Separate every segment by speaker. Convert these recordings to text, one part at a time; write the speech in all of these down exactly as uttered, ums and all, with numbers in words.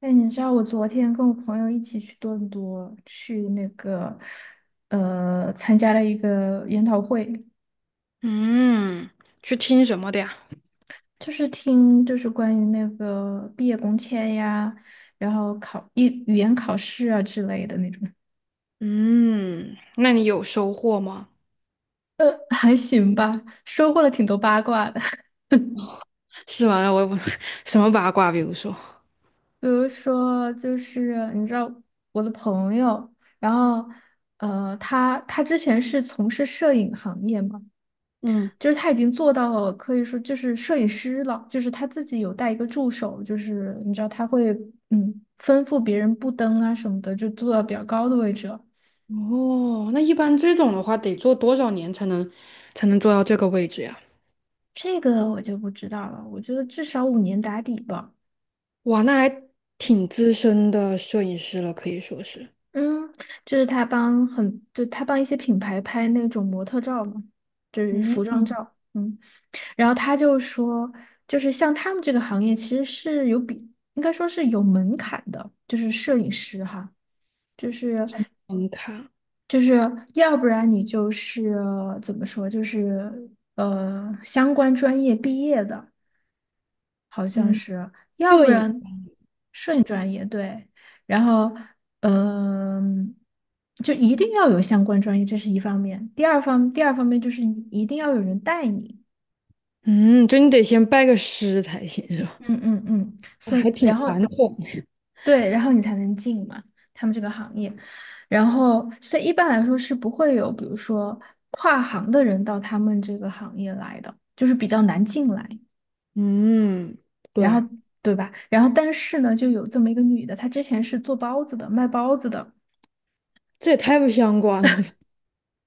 Speaker 1: 哎，你知道我昨天跟我朋友一起去多伦多，去那个呃，参加了一个研讨会，
Speaker 2: 嗯，去听什么的呀？
Speaker 1: 就是听就是关于那个毕业工签呀，然后考一语言考试啊之类的那种。
Speaker 2: 嗯，那你有收获吗？
Speaker 1: 呃，还行吧，收获了挺多八卦的。
Speaker 2: 是吗？我我 什么八卦？比如说，
Speaker 1: 比如说，就是你知道我的朋友，然后呃，他他之前是从事摄影行业嘛。
Speaker 2: 嗯，
Speaker 1: 就是他已经做到了，可以说就是摄影师了，就是他自己有带一个助手，就是你知道他会嗯吩咐别人布灯啊什么的，就做到比较高的位置了。
Speaker 2: 哦，那一般这种的话，得做多少年才能才能做到这个位置呀？
Speaker 1: 这个我就不知道了，我觉得至少五年打底吧。
Speaker 2: 哇，那还挺资深的摄影师了，可以说是。
Speaker 1: 嗯，就是他帮很，就他帮一些品牌拍那种模特照嘛，就是
Speaker 2: 嗯，
Speaker 1: 服装
Speaker 2: 嗯，
Speaker 1: 照。嗯，然后他就说，就是像他们这个行业其实是有比，应该说是有门槛的，就是摄影师哈。就是
Speaker 2: 门槛，
Speaker 1: 就是要不然你就是呃怎么说，就是呃相关专业毕业的，好像
Speaker 2: 嗯，
Speaker 1: 是，要
Speaker 2: 摄
Speaker 1: 不
Speaker 2: 影，
Speaker 1: 然摄影专业对，然后嗯、就一定要有相关专业，这是一方面。第二方第二方面就是你一定要有人带你，
Speaker 2: 嗯，就你得先拜个师才行，是吧？
Speaker 1: 嗯嗯嗯，所以然后对，然后你才能进嘛，他们这个行业。然后，所以一般来说是不会有，比如说跨行的人到他们这个行业来的，就是比较难进来。
Speaker 2: 嗯，
Speaker 1: 然
Speaker 2: 对，
Speaker 1: 后，对吧？然后，但是呢，就有这么一个女的，她之前是做包子的，卖包子的，
Speaker 2: 这也太不相关了。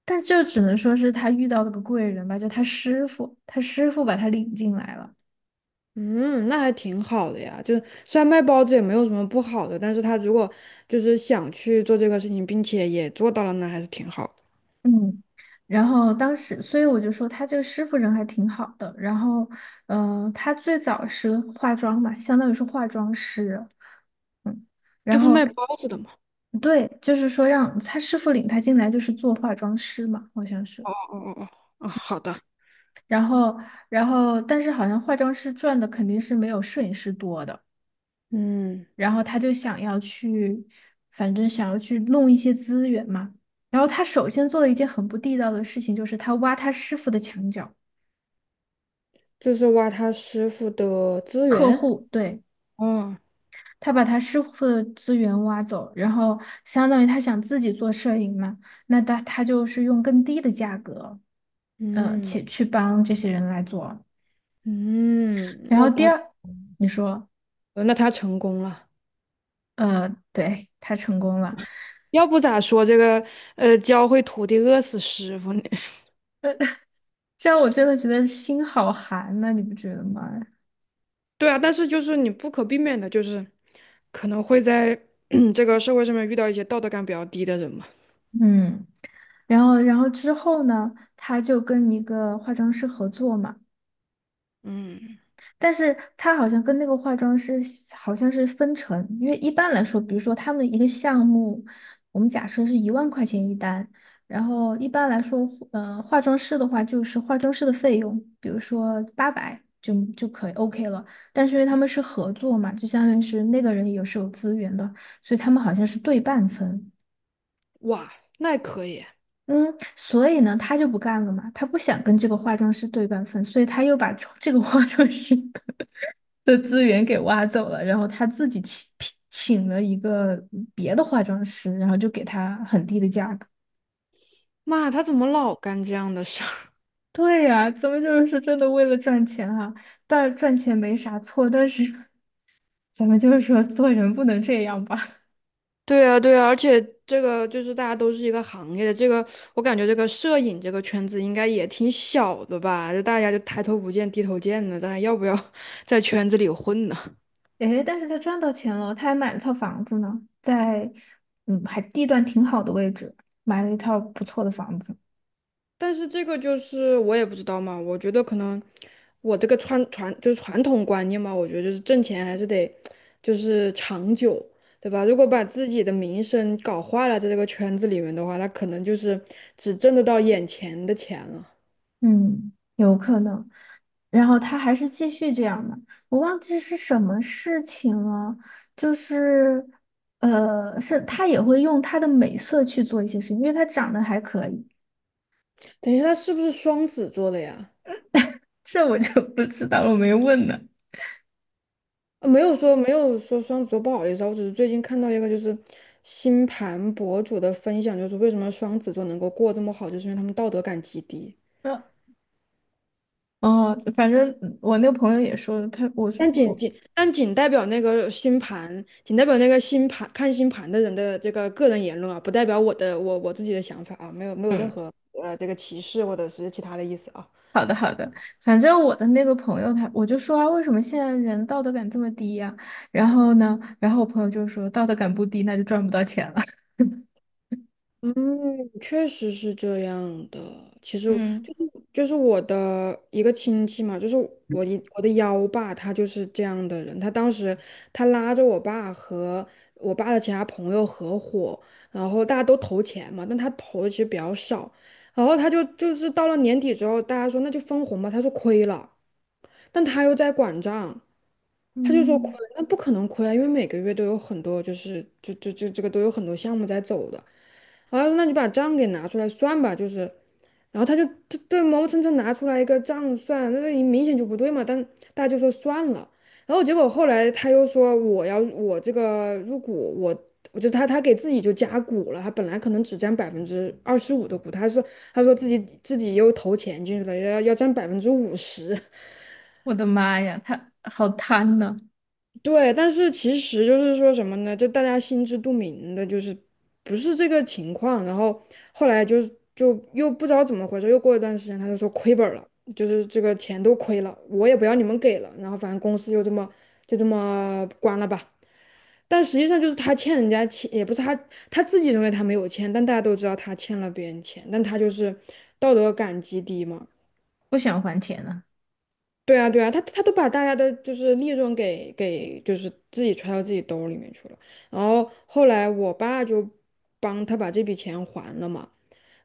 Speaker 1: 但就只能说是她遇到了个贵人吧，就她师傅，她师傅把她领进来了。
Speaker 2: 嗯，那还挺好的呀。就是虽然卖包子也没有什么不好的，但是他如果就是想去做这个事情，并且也做到了，那还是挺好的。
Speaker 1: 嗯，然后当时，所以我就说他这个师傅人还挺好的。然后，呃，他最早是化妆嘛，相当于是化妆师。嗯，
Speaker 2: 他
Speaker 1: 然
Speaker 2: 不是卖
Speaker 1: 后
Speaker 2: 包子的吗？
Speaker 1: 对，就是说让他师傅领他进来，就是做化妆师嘛，好像是。
Speaker 2: 哦哦哦，哦哦，好的，
Speaker 1: 然后，然后，但是好像化妆师赚的肯定是没有摄影师多的。
Speaker 2: 嗯，
Speaker 1: 然后他就想要去，反正想要去弄一些资源嘛。然后他首先做了一件很不地道的事情，就是他挖他师傅的墙角。
Speaker 2: 就是挖他师傅的资
Speaker 1: 客
Speaker 2: 源。
Speaker 1: 户，对，
Speaker 2: 嗯，
Speaker 1: 他把他师傅的资源挖走，然后相当于他想自己做摄影嘛，那他他就是用更低的价格，呃，
Speaker 2: 嗯
Speaker 1: 且去帮这些人来做。
Speaker 2: 嗯，
Speaker 1: 然
Speaker 2: 那
Speaker 1: 后第
Speaker 2: 他
Speaker 1: 二，你说，
Speaker 2: 呃那他成功了。
Speaker 1: 呃，对，他成功了，
Speaker 2: 要不咋说这个呃，教会徒弟饿死师傅呢？
Speaker 1: 这样我真的觉得心好寒呐，你不觉得吗？
Speaker 2: 对啊，但是就是你不可避免的，就是可能会在 这个社会上面遇到一些道德感比较低的人嘛。
Speaker 1: 嗯，然后然后之后呢，他就跟一个化妆师合作嘛。
Speaker 2: 嗯，
Speaker 1: 但是他好像跟那个化妆师好像是分成，因为一般来说，比如说他们一个项目，我们假设是一万块钱一单，然后一般来说，呃，化妆师的话就是化妆师的费用，比如说八百就就可以 O K 了。但是因为他们是合作嘛，就相当于是那个人也是有资源的，所以他们好像是对半分。
Speaker 2: 哇，那也可以。
Speaker 1: 嗯，所以呢，他就不干了嘛，他不想跟这个化妆师对半分，所以他又把这个化妆师 的资源给挖走了，然后他自己请请了一个别的化妆师，然后就给他很低的价格。
Speaker 2: 妈，他怎么老干这样的事儿？
Speaker 1: 对呀，咱们就是说真的为了赚钱啊，但赚钱没啥错，但是咱们就是说做人不能这样吧。
Speaker 2: 对啊，对啊，而且这个就是大家都是一个行业的，这个我感觉这个摄影这个圈子应该也挺小的吧？就大家就抬头不见低头见的，咱还要不要 在圈子里混呢？
Speaker 1: 诶，但是他赚到钱了，他还买了套房子呢，在嗯还地段挺好的位置，买了一套不错的房子。
Speaker 2: 但是这个就是我也不知道嘛，我觉得可能我这个传传就是传统观念嘛，我觉得就是挣钱还是得就是长久，对吧？如果把自己的名声搞坏了，在这个圈子里面的话，那可能就是只挣得到眼前的钱了。
Speaker 1: 嗯，有可能。然后他还是继续这样的，我忘记是什么事情了，就是，呃，是他也会用他的美色去做一些事情，因为他长得还可以，
Speaker 2: 等一下，他是不是双子座的呀？
Speaker 1: 这我就不知道了，我没问呢。
Speaker 2: 啊没有说没有说双子座，不好意思啊，我只是最近看到一个就是星盘博主的分享，就是为什么双子座能够过这么好，就是因为他们道德感极低。
Speaker 1: 那哦，反正我那个朋友也说了，他我
Speaker 2: 但仅
Speaker 1: 我
Speaker 2: 仅但仅代表那个星盘，仅代表那个星盘看星盘的人的这个个人言论啊，不代表我的我我自己的想法啊，没有没有任
Speaker 1: 嗯，
Speaker 2: 何呃这个歧视或者是其他的意思啊。
Speaker 1: 好的好的，反正我的那个朋友他我就说啊，为什么现在人道德感这么低呀、然后呢，然后我朋友就说道德感不低，那就赚不到钱了。
Speaker 2: 嗯，确实是这样的。其 实
Speaker 1: 嗯。
Speaker 2: 就是就是我的一个亲戚嘛，就是我一我的幺爸，他就是这样的人。他当时他拉着我爸和我爸的其他朋友合伙，然后大家都投钱嘛，但他投的其实比较少。然后他就就是到了年底之后，大家说那就分红吧，他说亏了。但他又在管账，他就说亏，
Speaker 1: 嗯，
Speaker 2: 那不可能亏啊，因为每个月都有很多，就是就就就这个都有很多项目在走的。然后他说那你把账给拿出来算吧，就是，然后他就对对磨磨蹭蹭拿出来一个账算，那你明显就不对嘛，但大家就说算了。然后结果后来他又说我要我这个入股，我我就他他给自己就加股了，他本来可能只占百分之二十五的股，他说他说自己自己又投钱进去了，要要占百分之五十，
Speaker 1: 我的妈呀，他好贪呐、
Speaker 2: 对，但是其实就是说什么呢？就大家心知肚明的，就是不是这个情况。然后后来就就又不知道怎么回事，又过一段时间，他就说亏本儿了，就是这个钱都亏了，我也不要你们给了。然后反正公司就这么就这么关了吧。但实际上就是他欠人家钱，也不是他他自己认为他没有欠，但大家都知道他欠了别人钱，但他就是道德感极低嘛。
Speaker 1: 不想还钱啊！
Speaker 2: 对啊，对啊，他他都把大家的就是利润给给就是自己揣到自己兜里面去了。然后后来我爸就帮他把这笔钱还了嘛，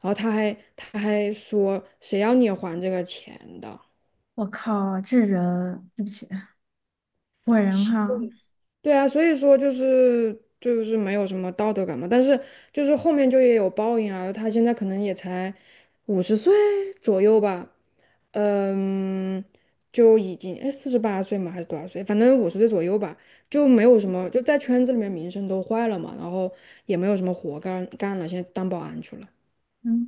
Speaker 2: 然后他还他还说谁要你还这个钱的？
Speaker 1: 我靠，这人，对不起，果然哈，
Speaker 2: 对啊，所以说就是就是没有什么道德感嘛。但是就是后面就也有报应啊，他现在可能也才五十岁左右吧。嗯，就已经哎四十八岁嘛，还是多少岁？反正五十岁左右吧，就没有什么，就在圈子里面名声都坏了嘛，然后也没有什么活干干了，现在当保安去了。
Speaker 1: 嗯，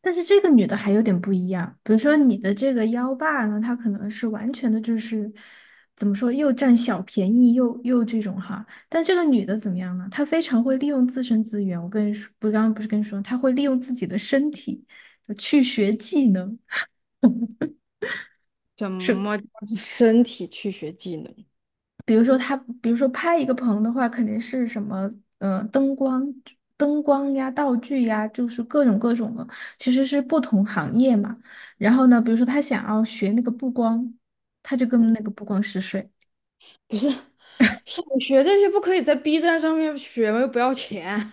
Speaker 1: 但是这个女的还有点不一样，比如说你的这个幺爸呢，他可能是完全的就是怎么说，又占小便宜又又这种哈，但这个女的怎么样呢？她非常会利用自身资源，我跟你说，不，刚刚不是跟你说，她会利用自己的身体去学技能。
Speaker 2: 怎
Speaker 1: 是。
Speaker 2: 么身体去学技能？
Speaker 1: 比如说他，比如说拍一个棚的话，肯定是什么，呃，灯光、灯光呀、道具呀，就是各种各种的，其实是不同行业嘛。然后呢，比如说他想要学那个布光，他就跟那个布光师睡。
Speaker 2: 不是，想学这些不可以在 B 站上面学吗？又不要钱，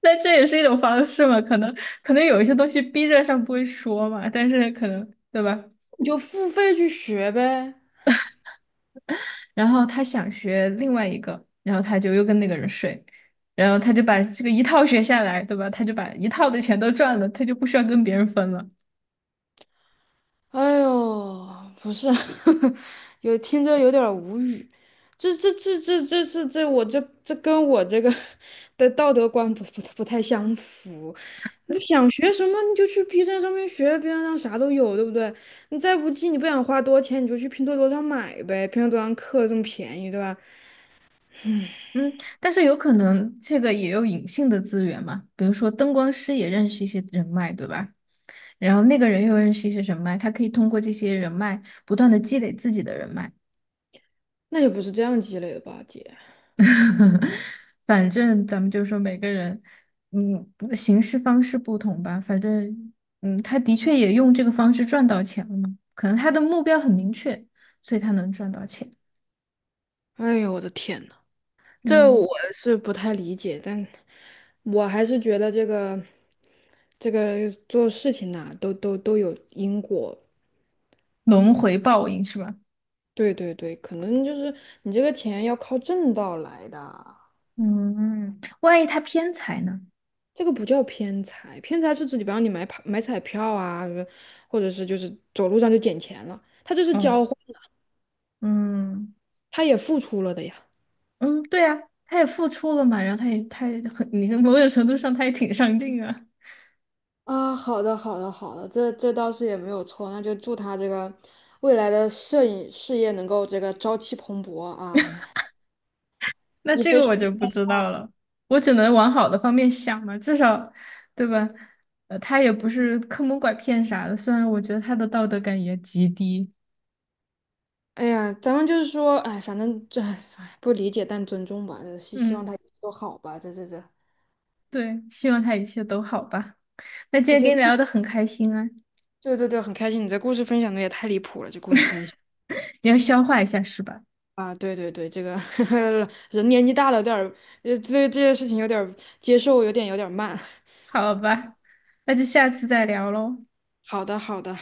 Speaker 1: 那这也是一种方式嘛？可能可能有一些东西逼着上不会说嘛，但是可能对吧？
Speaker 2: 你就付费去学呗。
Speaker 1: 然后他想学另外一个，然后他就又跟那个人睡，然后他就把这个一套学下来，对吧？他就把一套的钱都赚了，他就不需要跟别人分了。
Speaker 2: 哎呦，不是，有听着有点儿无语。这这这这这是这我这这跟我这个 的道德观不不不太相符。你想学什么你就去 B 站上面学，B 站上啥都有，对不对？你再不济你不想花多钱，你就去拼多多上买呗，拼多多上课这么便宜，对吧？
Speaker 1: 嗯，但是有可能这个也有隐性的资源嘛，比如说灯光师也认识一些人脉，对吧？然后那个人又认识一些人脉，他可以通过这些人脉不断的积累自己的人脉。
Speaker 2: 那也不是这样积累的吧，姐？
Speaker 1: 反正咱们就说每个人，嗯，行事方式不同吧。反正，嗯，他的确也用这个方式赚到钱了嘛，可能他的目标很明确，所以他能赚到钱。
Speaker 2: 哎呦，我的天呐！这
Speaker 1: 嗯，
Speaker 2: 我是不太理解，但我还是觉得这个这个做事情呐、都都都有因果。
Speaker 1: 轮回报应是吧？
Speaker 2: 对对对，可能就是你这个钱要靠正道来的，
Speaker 1: 嗯，万一他偏财呢？
Speaker 2: 这个不叫偏财，偏财是指比方你买跑买彩票啊，或者是就是走路上就捡钱了，他这是
Speaker 1: 嗯。
Speaker 2: 交换，
Speaker 1: 嗯
Speaker 2: 他也付出了的呀。
Speaker 1: 嗯，对呀，他也付出了嘛，然后他也他也很，你看某种程度上他也挺上进啊。
Speaker 2: 啊，好的，好的，好的，这这倒是也没有错，那就祝他这个未来的摄影事业能够这个朝气蓬勃啊。
Speaker 1: 那
Speaker 2: 你
Speaker 1: 这
Speaker 2: 非
Speaker 1: 个
Speaker 2: 常，
Speaker 1: 我就不知道了，我只能往好的方面想嘛，至少，对吧？呃，他也不是坑蒙拐骗啥的，虽然我觉得他的道德感也极低。
Speaker 2: 哎呀，咱们就是说，哎，反正这哎不理解但尊重吧，呃希希望他
Speaker 1: 嗯，
Speaker 2: 都好吧，这这这，
Speaker 1: 对，希望他一切都好吧。那今
Speaker 2: 这
Speaker 1: 天
Speaker 2: 这
Speaker 1: 跟你
Speaker 2: 故，
Speaker 1: 聊的很开心啊，
Speaker 2: 对对对，很开心，你这故事分享的也太离谱了，这故事分享
Speaker 1: 你要消化一下是吧？
Speaker 2: 啊，对对对，这个 人年纪大了，有点儿，呃，对这些事情有点儿接受，有点有点儿慢。
Speaker 1: 好吧，那就下次再聊喽。
Speaker 2: 好的，好的。